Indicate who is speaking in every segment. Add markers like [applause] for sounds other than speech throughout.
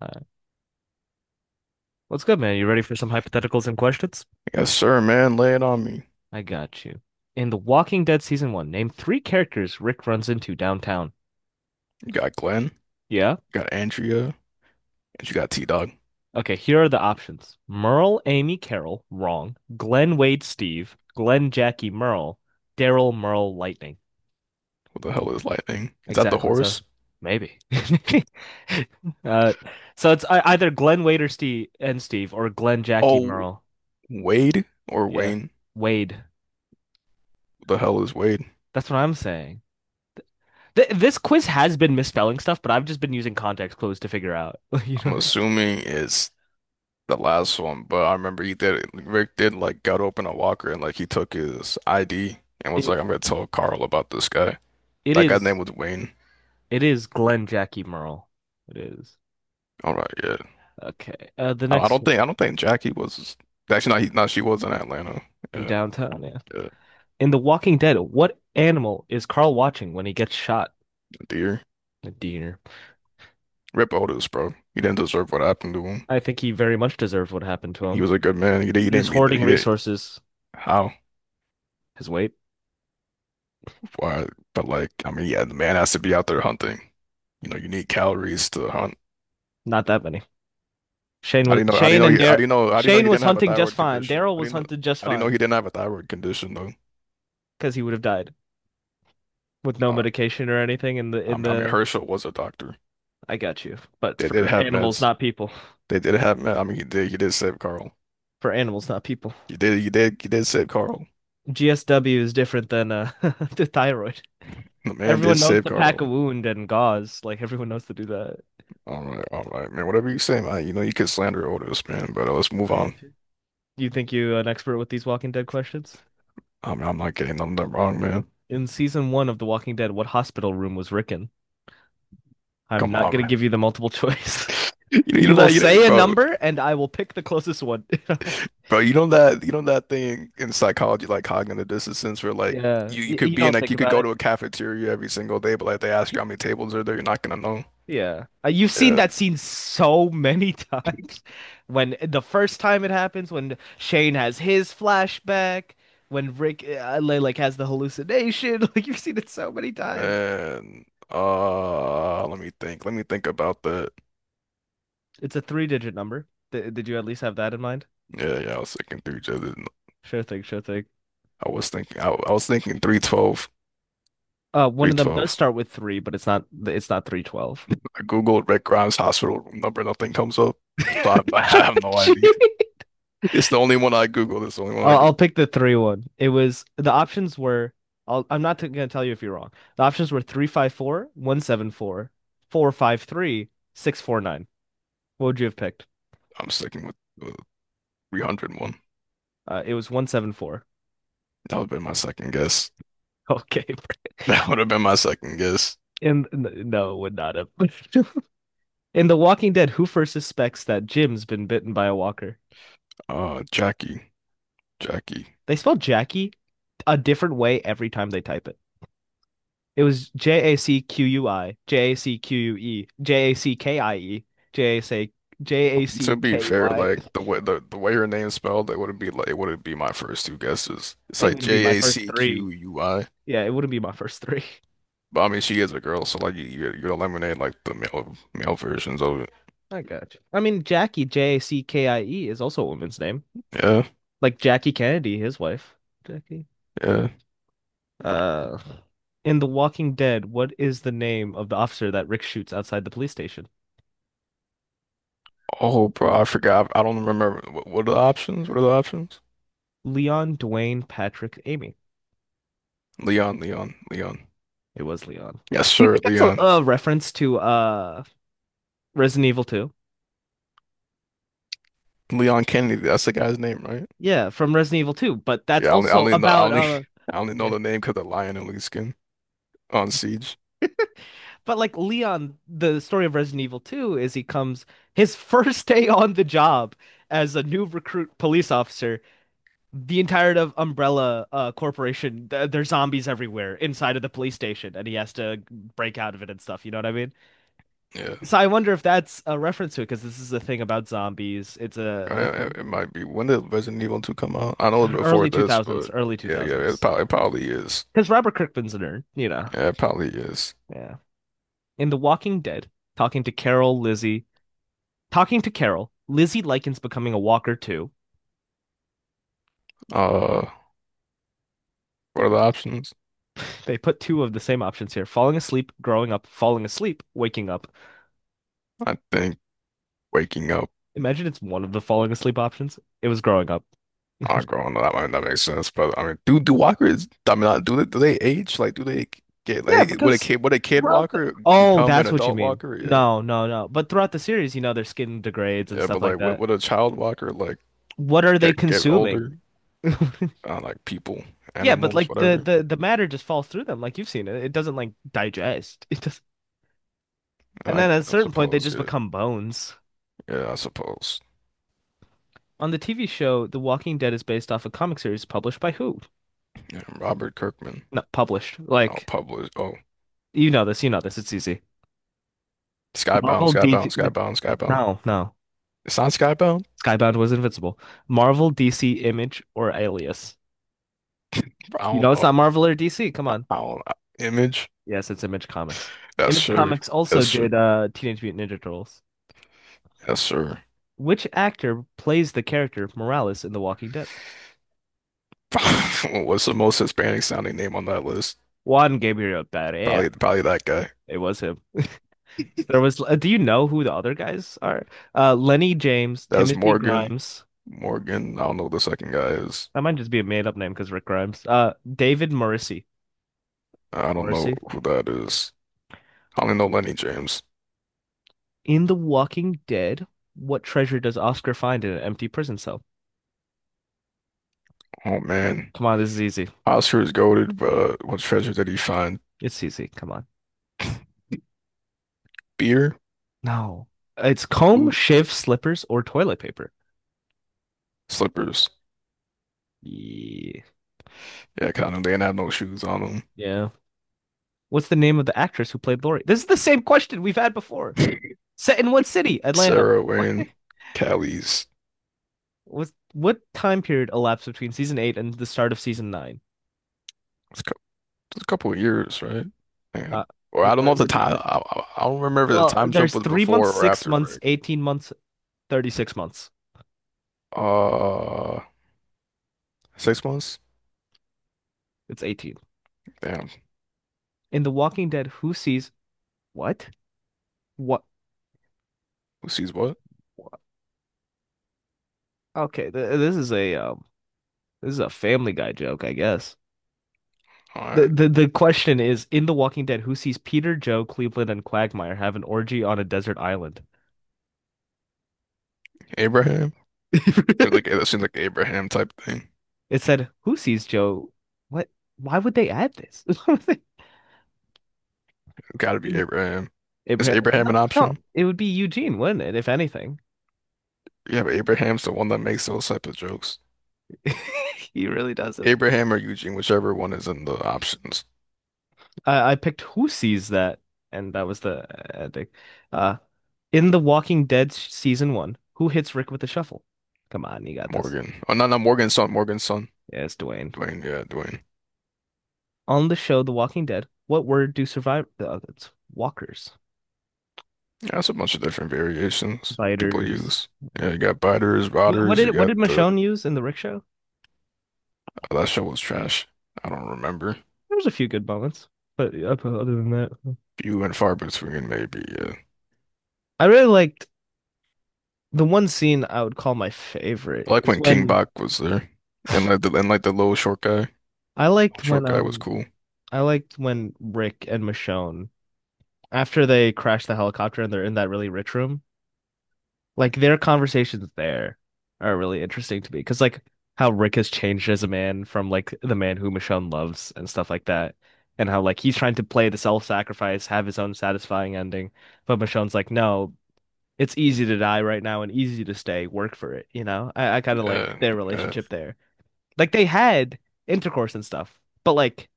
Speaker 1: All right. What's good, man? You ready for some hypotheticals and questions?
Speaker 2: Yes, sir, man. Lay it on me.
Speaker 1: I got you. In The Walking Dead Season 1, name three characters Rick runs into downtown.
Speaker 2: You got Glenn, you
Speaker 1: Yeah?
Speaker 2: got Andrea, and you got T-Dog.
Speaker 1: Okay, here are the options. Merle, Amy, Carol, wrong. Glenn, Wade, Steve, Glenn, Jackie, Merle, Daryl, Merle, Lightning.
Speaker 2: What the hell is Lightning? Is that the
Speaker 1: Exactly. So
Speaker 2: horse?
Speaker 1: maybe. [laughs] Uh, so it's either Glenn, Wade, or Steve, and Steve, or Glenn, Jackie,
Speaker 2: Oh,
Speaker 1: Merle.
Speaker 2: Wade or
Speaker 1: Yeah.
Speaker 2: Wayne?
Speaker 1: Wade.
Speaker 2: What the hell is Wade?
Speaker 1: That's what I'm saying. This quiz has been misspelling stuff, but I've just been using context clues to figure out. [laughs] You know
Speaker 2: I'm
Speaker 1: what I mean?
Speaker 2: assuming it's the last one, but I remember he did Rick did like got open a locker and like he took his ID and
Speaker 1: It
Speaker 2: was like, I'm gonna tell Carl about this guy.
Speaker 1: it
Speaker 2: That guy's name
Speaker 1: is
Speaker 2: was Wayne.
Speaker 1: it is Glenn, Jackie, Merle. It is.
Speaker 2: All right, yeah.
Speaker 1: Okay. The
Speaker 2: I don't, I
Speaker 1: next
Speaker 2: don't
Speaker 1: one
Speaker 2: think Jackie was actually not, she was in Atlanta.
Speaker 1: in
Speaker 2: Yeah,
Speaker 1: downtown. Yeah.
Speaker 2: yeah.
Speaker 1: In The Walking Dead, what animal is Carl watching when he gets shot?
Speaker 2: Dear.
Speaker 1: A deer.
Speaker 2: Rip Otis, bro. He didn't deserve what happened to him.
Speaker 1: I think he very much deserved what happened to
Speaker 2: He
Speaker 1: him.
Speaker 2: was a good man. He
Speaker 1: He was
Speaker 2: didn't mean that.
Speaker 1: hoarding
Speaker 2: He did.
Speaker 1: resources.
Speaker 2: How?
Speaker 1: His weight,
Speaker 2: Why? But like, I mean, yeah, the man has to be out there hunting. You know, you need calories to hunt.
Speaker 1: not that many. Shane
Speaker 2: How do
Speaker 1: was
Speaker 2: you know? How do you
Speaker 1: Shane
Speaker 2: know?
Speaker 1: and Dar
Speaker 2: How do you know he
Speaker 1: Shane was
Speaker 2: didn't have a
Speaker 1: hunting just
Speaker 2: thyroid
Speaker 1: fine.
Speaker 2: condition?
Speaker 1: Daryl
Speaker 2: How do
Speaker 1: was
Speaker 2: you know?
Speaker 1: hunted just
Speaker 2: How do you know
Speaker 1: fine
Speaker 2: he didn't have a thyroid condition though?
Speaker 1: because he would have died with no
Speaker 2: Uh,
Speaker 1: medication or anything in the
Speaker 2: I
Speaker 1: in
Speaker 2: mean, I mean,
Speaker 1: the
Speaker 2: Herschel was a doctor.
Speaker 1: I got you. But
Speaker 2: They did
Speaker 1: for
Speaker 2: have
Speaker 1: animals,
Speaker 2: meds.
Speaker 1: not people.
Speaker 2: They did have meds. I mean, he did. He did save Carl.
Speaker 1: For animals, not people.
Speaker 2: He did. He did. He did save Carl.
Speaker 1: GSW is different than [laughs] the thyroid.
Speaker 2: The man
Speaker 1: Everyone
Speaker 2: did
Speaker 1: knows
Speaker 2: save
Speaker 1: to pack a
Speaker 2: Carl.
Speaker 1: wound and gauze. Like everyone knows to do that.
Speaker 2: All right, man. Whatever you say, man. You know you can slander Otis, man. But let's move
Speaker 1: I
Speaker 2: on.
Speaker 1: got you. You think you are an expert with these Walking Dead questions?
Speaker 2: I mean, I'm not getting nothing wrong, man.
Speaker 1: In season 1 of The Walking Dead, what hospital room was Rick in? I'm
Speaker 2: Come
Speaker 1: not
Speaker 2: on,
Speaker 1: gonna
Speaker 2: man.
Speaker 1: give you the multiple choice. [laughs]
Speaker 2: You know
Speaker 1: You will
Speaker 2: that, you know,
Speaker 1: say a
Speaker 2: bro,
Speaker 1: number, and I will pick the closest one. [laughs]
Speaker 2: bro. You know that, that thing in psychology, like cognitive dissonance, where like
Speaker 1: Yeah,
Speaker 2: you could
Speaker 1: you
Speaker 2: be in
Speaker 1: don't
Speaker 2: like
Speaker 1: think
Speaker 2: you could
Speaker 1: about
Speaker 2: go
Speaker 1: it.
Speaker 2: to a cafeteria every single day, but like they ask you how many tables are there, you're not gonna know.
Speaker 1: Yeah. You've seen
Speaker 2: Yeah,
Speaker 1: that scene so many [laughs] times. When the first time it happens, when Shane has his flashback, when Rick like has the hallucination, [laughs] like you've seen it so many times.
Speaker 2: man. Let me think. Let me think about that.
Speaker 1: It's a three-digit number. D Did you at least have that in mind?
Speaker 2: Yeah, yeah. I was thinking three.
Speaker 1: Sure thing, sure thing.
Speaker 2: I was thinking. I was thinking 312.
Speaker 1: One
Speaker 2: Three
Speaker 1: of them does
Speaker 2: twelve.
Speaker 1: start with three, but it's not 312.
Speaker 2: I googled Rick Grimes hospital room number. Nothing comes up. So I have, no, [laughs] I have no idea. [laughs]
Speaker 1: [laughs]
Speaker 2: It's the only one I googled. It's the only one I
Speaker 1: I'll pick the three one. It was the options were I'm not gonna tell you if you're wrong. The options were 354, 174, 453, 649. What would you have picked?
Speaker 2: I'm sticking with the 300.
Speaker 1: It was 174.
Speaker 2: That would have been my second guess. [laughs]
Speaker 1: [laughs] Okay,
Speaker 2: That would have been my second guess.
Speaker 1: and no, would not have. [laughs] In The Walking Dead, who first suspects that Jim's been bitten by a walker?
Speaker 2: Jackie, Jackie.
Speaker 1: They spell Jackie a different way every time they type it. It was Jacqui, Jacque, Jackie, J A C J A C
Speaker 2: To be
Speaker 1: K
Speaker 2: fair,
Speaker 1: Y.
Speaker 2: like the way her name's spelled, it wouldn't be like it wouldn't be my first two guesses. It's
Speaker 1: It
Speaker 2: like
Speaker 1: wouldn't be my
Speaker 2: J A
Speaker 1: first
Speaker 2: C
Speaker 1: three.
Speaker 2: Q U I.
Speaker 1: Yeah, it wouldn't be my first three.
Speaker 2: But I mean, she is a girl, so like you you eliminate like the male versions of it.
Speaker 1: [laughs] I got you. I mean, Jackie, J A C K I E, is also a woman's name.
Speaker 2: Yeah,
Speaker 1: Like Jackie Kennedy, his wife. Jackie.
Speaker 2: yeah.
Speaker 1: Uh, in The Walking Dead, what is the name of the officer that Rick shoots outside the police station?
Speaker 2: Oh, bro, I forgot. I don't remember. What are the options? What are the options?
Speaker 1: Leon, Dwayne, Patrick, Amy.
Speaker 2: Leon, Leon, Leon.
Speaker 1: It was Leon.
Speaker 2: Yes,
Speaker 1: Do you
Speaker 2: sir,
Speaker 1: think that's a,
Speaker 2: Leon.
Speaker 1: a reference to Resident Evil 2?
Speaker 2: Leon Kennedy. That's the guy's name, right?
Speaker 1: Yeah, from Resident Evil 2, but that's also
Speaker 2: I
Speaker 1: about
Speaker 2: only [laughs] I only know
Speaker 1: yeah.
Speaker 2: the name because the lion and Li's Skin on Siege.
Speaker 1: But like Leon, the story of Resident Evil 2 is he comes his [laughs] first day on the job as a new recruit police officer. The entirety of Umbrella Corporation, th there's zombies everywhere inside of the police station, and he has to break out of it and stuff. You know what I mean?
Speaker 2: Yeah,
Speaker 1: So I wonder if that's a reference to it because this is a thing about zombies. It's a
Speaker 2: It, it might be. When did Resident Evil 2 come out? I know it's before
Speaker 1: Early
Speaker 2: this,
Speaker 1: 2000s,
Speaker 2: but
Speaker 1: early
Speaker 2: yeah, yeah,
Speaker 1: 2000s.
Speaker 2: it probably is.
Speaker 1: Because Robert Kirkman's a nerd, you know.
Speaker 2: Yeah, it probably is.
Speaker 1: Yeah. In The Walking Dead, talking to Carol, Lizzie, talking to Carol, Lizzie likens becoming a walker to.
Speaker 2: Uh, what are the options?
Speaker 1: [laughs] They put two of the same options here: falling asleep, growing up, falling asleep, waking up.
Speaker 2: I think waking up.
Speaker 1: Imagine it's one of the falling asleep options. It was growing up.
Speaker 2: Oh, girl, no, that might not make sense, but I mean, do walkers? I mean, do they age? Like, do they get
Speaker 1: Yeah,
Speaker 2: like
Speaker 1: because
Speaker 2: would a kid
Speaker 1: throughout the.
Speaker 2: walker
Speaker 1: Oh,
Speaker 2: become an
Speaker 1: that's what you
Speaker 2: adult
Speaker 1: mean.
Speaker 2: walker? Yeah,
Speaker 1: No, no, no. But throughout the series, you know, their skin degrades and
Speaker 2: yeah,
Speaker 1: stuff
Speaker 2: but
Speaker 1: like
Speaker 2: like,
Speaker 1: that.
Speaker 2: would a child walker like
Speaker 1: What are they
Speaker 2: get older?
Speaker 1: consuming? [laughs]
Speaker 2: Like people,
Speaker 1: Yeah, but
Speaker 2: animals,
Speaker 1: like the,
Speaker 2: whatever.
Speaker 1: the the matter just falls through them, like you've seen it. It doesn't like digest. [laughs] It just And
Speaker 2: I
Speaker 1: then at a certain point they
Speaker 2: suppose,
Speaker 1: just
Speaker 2: yeah,
Speaker 1: become bones.
Speaker 2: yeah, I suppose.
Speaker 1: On the TV show, The Walking Dead is based off a comic series published by who?
Speaker 2: Yeah, Robert Kirkman.
Speaker 1: Not published.
Speaker 2: Oh,
Speaker 1: Like,
Speaker 2: publish. Oh,
Speaker 1: you know this, it's easy.
Speaker 2: Skybound,
Speaker 1: Marvel, DC.
Speaker 2: Skybound, Skybound, Skybound.
Speaker 1: No, no.
Speaker 2: It's not Skybound.
Speaker 1: Skybound was invincible. Marvel, DC, Image, or Alias.
Speaker 2: I
Speaker 1: You
Speaker 2: don't
Speaker 1: know it's
Speaker 2: know.
Speaker 1: not Marvel or DC. Come
Speaker 2: I
Speaker 1: on.
Speaker 2: don't. Image.
Speaker 1: Yes, it's Image Comics.
Speaker 2: That's
Speaker 1: Image
Speaker 2: sure.
Speaker 1: Comics also
Speaker 2: That's sure.
Speaker 1: did Teenage Mutant Ninja Turtles.
Speaker 2: That's sure.
Speaker 1: Which actor plays the character Morales in The Walking Dead?
Speaker 2: [laughs] What's the most Hispanic sounding name on that list?
Speaker 1: Juan Gabriel Pereira.
Speaker 2: Probably, probably that guy.
Speaker 1: It was him. There was. Do you know who the other guys are? Lenny James,
Speaker 2: That's
Speaker 1: Timothy
Speaker 2: Morgan.
Speaker 1: Grimes.
Speaker 2: Morgan. I don't know who the second guy is.
Speaker 1: That might just be a made-up name because Rick Grimes. David Morrissey.
Speaker 2: I don't know
Speaker 1: Morrissey.
Speaker 2: who that is. I only know Lenny James.
Speaker 1: In The Walking Dead, what treasure does Oscar find in an empty prison cell?
Speaker 2: Oh man.
Speaker 1: Come on, this is easy.
Speaker 2: Oscar is goaded, but what treasure did he find?
Speaker 1: It's easy. Come on.
Speaker 2: Beer,
Speaker 1: No. It's comb,
Speaker 2: ooh,
Speaker 1: shave, slippers, or toilet paper.
Speaker 2: slippers.
Speaker 1: Ye-
Speaker 2: Yeah, kind of. They didn't have no shoes on
Speaker 1: Yeah. What's the name of the actress who played Lori? This is the same question we've had before.
Speaker 2: them. [laughs]
Speaker 1: Set in what city? Atlanta.
Speaker 2: Sarah
Speaker 1: What?
Speaker 2: Wayne, Callie's.
Speaker 1: What, time period elapsed between season 8 and the start of season 9?
Speaker 2: It's a cou- it's a couple of years, right? Yeah.
Speaker 1: Uh,
Speaker 2: Or I don't know if the
Speaker 1: what do you
Speaker 2: time.
Speaker 1: say?
Speaker 2: I don't remember the
Speaker 1: Well,
Speaker 2: time jump
Speaker 1: there's
Speaker 2: was
Speaker 1: 3 months,
Speaker 2: before or
Speaker 1: six
Speaker 2: after
Speaker 1: months,
Speaker 2: break.
Speaker 1: 18 months, 36 months.
Speaker 2: Uh, 6 months.
Speaker 1: It's 18.
Speaker 2: Damn.
Speaker 1: In The Walking Dead, who sees what? What?
Speaker 2: Who sees what?
Speaker 1: What? Okay, th this is a Family Guy joke, I guess.
Speaker 2: All
Speaker 1: The,
Speaker 2: right.
Speaker 1: the the question is, in The Walking Dead, who sees Peter, Joe, Cleveland, and Quagmire have an orgy on a desert island?
Speaker 2: Abraham. Seems like
Speaker 1: [laughs]
Speaker 2: it seems like Abraham type thing.
Speaker 1: It said, who sees Joe? What? Why would they add this? [laughs] Why would they-
Speaker 2: It's gotta
Speaker 1: You
Speaker 2: be
Speaker 1: know,
Speaker 2: Abraham. Is
Speaker 1: Abraham,
Speaker 2: Abraham
Speaker 1: no,
Speaker 2: an
Speaker 1: no,
Speaker 2: option?
Speaker 1: it would be Eugene, wouldn't it? If anything,
Speaker 2: Yeah, but Abraham's the one that makes those type of jokes.
Speaker 1: [laughs] he really does this.
Speaker 2: Abraham or Eugene, whichever one is in the options.
Speaker 1: I picked Who Sees That, and that was the ending. Uh, in The Walking Dead season 1, who hits Rick with the shovel? Come on, you got this.
Speaker 2: Morgan. Oh, no, not Morgan's son. Morgan's son.
Speaker 1: Yeah, it's Dwayne.
Speaker 2: Dwayne. Yeah, Dwayne.
Speaker 1: On the show The Walking Dead, what word do survive? Oh, it's walkers,
Speaker 2: Yeah, that's a bunch of different variations that people
Speaker 1: biters.
Speaker 2: use. Yeah, you got biters,
Speaker 1: What, what
Speaker 2: rotters.
Speaker 1: did
Speaker 2: You
Speaker 1: what
Speaker 2: got
Speaker 1: did
Speaker 2: the.
Speaker 1: Michonne use in the Rick show?
Speaker 2: Oh, that show was trash. I don't remember.
Speaker 1: There was a few good moments, but other than that, no.
Speaker 2: Few and far between, maybe. Yeah.
Speaker 1: I really liked the one scene I would call my favorite
Speaker 2: I like
Speaker 1: is
Speaker 2: when King
Speaker 1: when
Speaker 2: Bach was there, and like the little short guy.
Speaker 1: I liked
Speaker 2: Short
Speaker 1: when
Speaker 2: guy was cool.
Speaker 1: I liked when Rick and Michonne after they crash the helicopter and they're in that really rich room, like their conversations there are really interesting to me because like how Rick has changed as a man from like the man who Michonne loves and stuff like that, and how like he's trying to play the self-sacrifice, have his own satisfying ending, but Michonne's like, no, it's easy to die right now and easy to stay, work for it, you know? I kind of like
Speaker 2: Yeah,
Speaker 1: their
Speaker 2: yeah,
Speaker 1: relationship there. Like they had intercourse and stuff, but like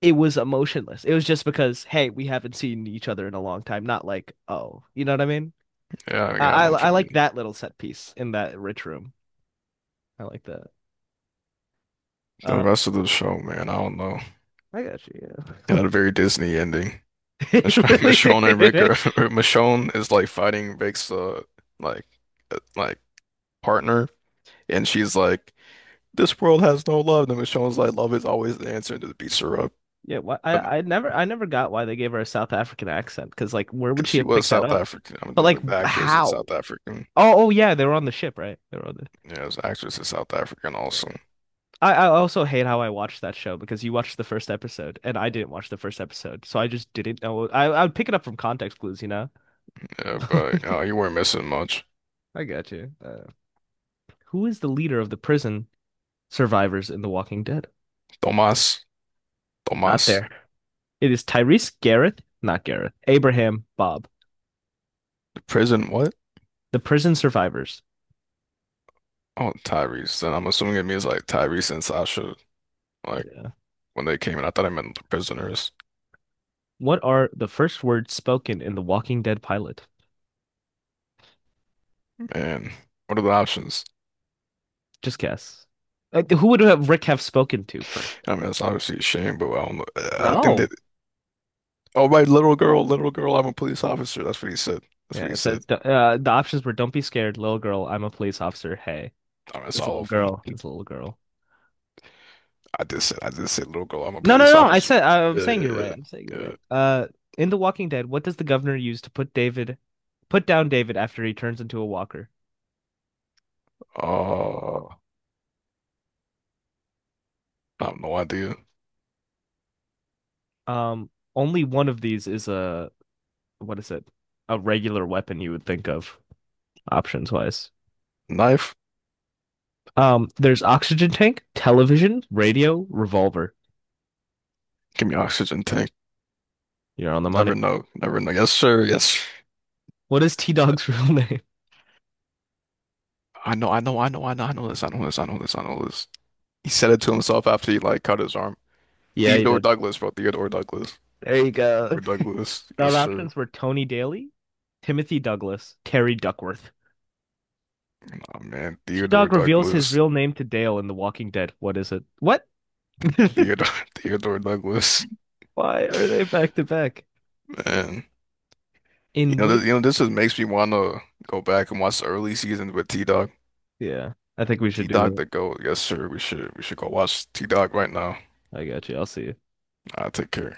Speaker 1: it was emotionless. It was just because, hey, we haven't seen each other in a long time. Not like, oh, you know what I mean?
Speaker 2: yeah. Yeah, I
Speaker 1: I I,
Speaker 2: know what
Speaker 1: I
Speaker 2: you
Speaker 1: like
Speaker 2: mean.
Speaker 1: that little set piece in that rich room. I like that.
Speaker 2: The
Speaker 1: Uh,
Speaker 2: rest of the show, man, I don't know.
Speaker 1: I got you. Yeah,
Speaker 2: It had a very Disney ending.
Speaker 1: [laughs]
Speaker 2: Mich- [laughs]
Speaker 1: it really
Speaker 2: Michonne
Speaker 1: did
Speaker 2: and Rick
Speaker 1: it?
Speaker 2: are [laughs] Michonne is like fighting Rick's like like partner and she's like this world has no love and Michonne's like love is always the answer and just beats her up
Speaker 1: Yeah, why, I never got why they gave her a South African accent because like where would
Speaker 2: because
Speaker 1: she
Speaker 2: she
Speaker 1: have
Speaker 2: was
Speaker 1: picked that
Speaker 2: South
Speaker 1: up?
Speaker 2: African. I mean,
Speaker 1: But like
Speaker 2: the actress is
Speaker 1: how?
Speaker 2: South African.
Speaker 1: Oh yeah, they were on the ship, right? They were on the.
Speaker 2: Yeah, the actress is South African also.
Speaker 1: I also hate how I watched that show because you watched the first episode and I didn't watch the first episode, so I just didn't know. I would pick it up from context clues, you know.
Speaker 2: Yeah,
Speaker 1: [laughs]
Speaker 2: but you weren't missing much.
Speaker 1: I got you. Who is the leader of the prison survivors in The Walking Dead?
Speaker 2: Tomas.
Speaker 1: Not
Speaker 2: Tomas.
Speaker 1: there. It is Tyrese Garrett, not Gareth, Abraham Bob,
Speaker 2: The prison what?
Speaker 1: the prison survivors.
Speaker 2: Oh, Tyrese then. I'm assuming it means like Tyrese and Sasha, like
Speaker 1: Yeah.
Speaker 2: when they came in. I thought I meant the prisoners.
Speaker 1: What are the first words spoken in The Walking Dead pilot?
Speaker 2: Man, what are the options?
Speaker 1: Just guess. Who would have Rick have spoken to first?
Speaker 2: I mean, it's obviously a shame, but I don't know.
Speaker 1: No.
Speaker 2: Oh, right, little girl, I'm a police officer. That's what he said. That's what
Speaker 1: Yeah,
Speaker 2: he
Speaker 1: it
Speaker 2: said.
Speaker 1: says the options were "Don't be scared, little girl. I'm a police officer. Hey,
Speaker 2: I mean, it's
Speaker 1: it's a
Speaker 2: all
Speaker 1: little
Speaker 2: of them.
Speaker 1: girl. It's a little girl."
Speaker 2: I did say, little girl, I'm a
Speaker 1: No, no,
Speaker 2: police
Speaker 1: no. I
Speaker 2: officer.
Speaker 1: said I'm
Speaker 2: Yeah,
Speaker 1: saying
Speaker 2: yeah,
Speaker 1: you're right. I'm saying
Speaker 2: yeah.
Speaker 1: you're
Speaker 2: Yeah.
Speaker 1: right. In The Walking Dead, what does the governor use to put down David after he turns into a walker?
Speaker 2: Uh, I have no idea.
Speaker 1: Um, only one of these is a what is it? A regular weapon you would think of options wise.
Speaker 2: Knife,
Speaker 1: There's oxygen tank, television, radio, revolver.
Speaker 2: give me oxygen tank.
Speaker 1: You're on the
Speaker 2: Never
Speaker 1: money.
Speaker 2: know, never know. Yes, sir. Yes.
Speaker 1: What is T-Dog's real name? [laughs]
Speaker 2: I know this, I know this. He said it to himself after he like cut his arm.
Speaker 1: Yeah, you
Speaker 2: Theodore
Speaker 1: did.
Speaker 2: Douglas, bro, Theodore Douglas.
Speaker 1: There you go.
Speaker 2: Theodore Douglas,
Speaker 1: The
Speaker 2: yes, sir.
Speaker 1: options were Tony Daly, Timothy Douglas, Terry Duckworth.
Speaker 2: Nah, man,
Speaker 1: T
Speaker 2: Theodore
Speaker 1: Dog reveals his
Speaker 2: Douglas.
Speaker 1: real name to Dale in The Walking Dead. What is it? What? [laughs]
Speaker 2: Theodore, [laughs] Theodore Douglas,
Speaker 1: Why are they back to back?
Speaker 2: man. You
Speaker 1: In
Speaker 2: know,
Speaker 1: which?
Speaker 2: this, this just makes me want to go back and watch the early seasons with T-Dog.
Speaker 1: Yeah, I think we should do
Speaker 2: T-Dog
Speaker 1: that.
Speaker 2: the GOAT. Yes, sir. We should go watch T-Dog right now.
Speaker 1: I got you. I'll see you.
Speaker 2: I'll take care.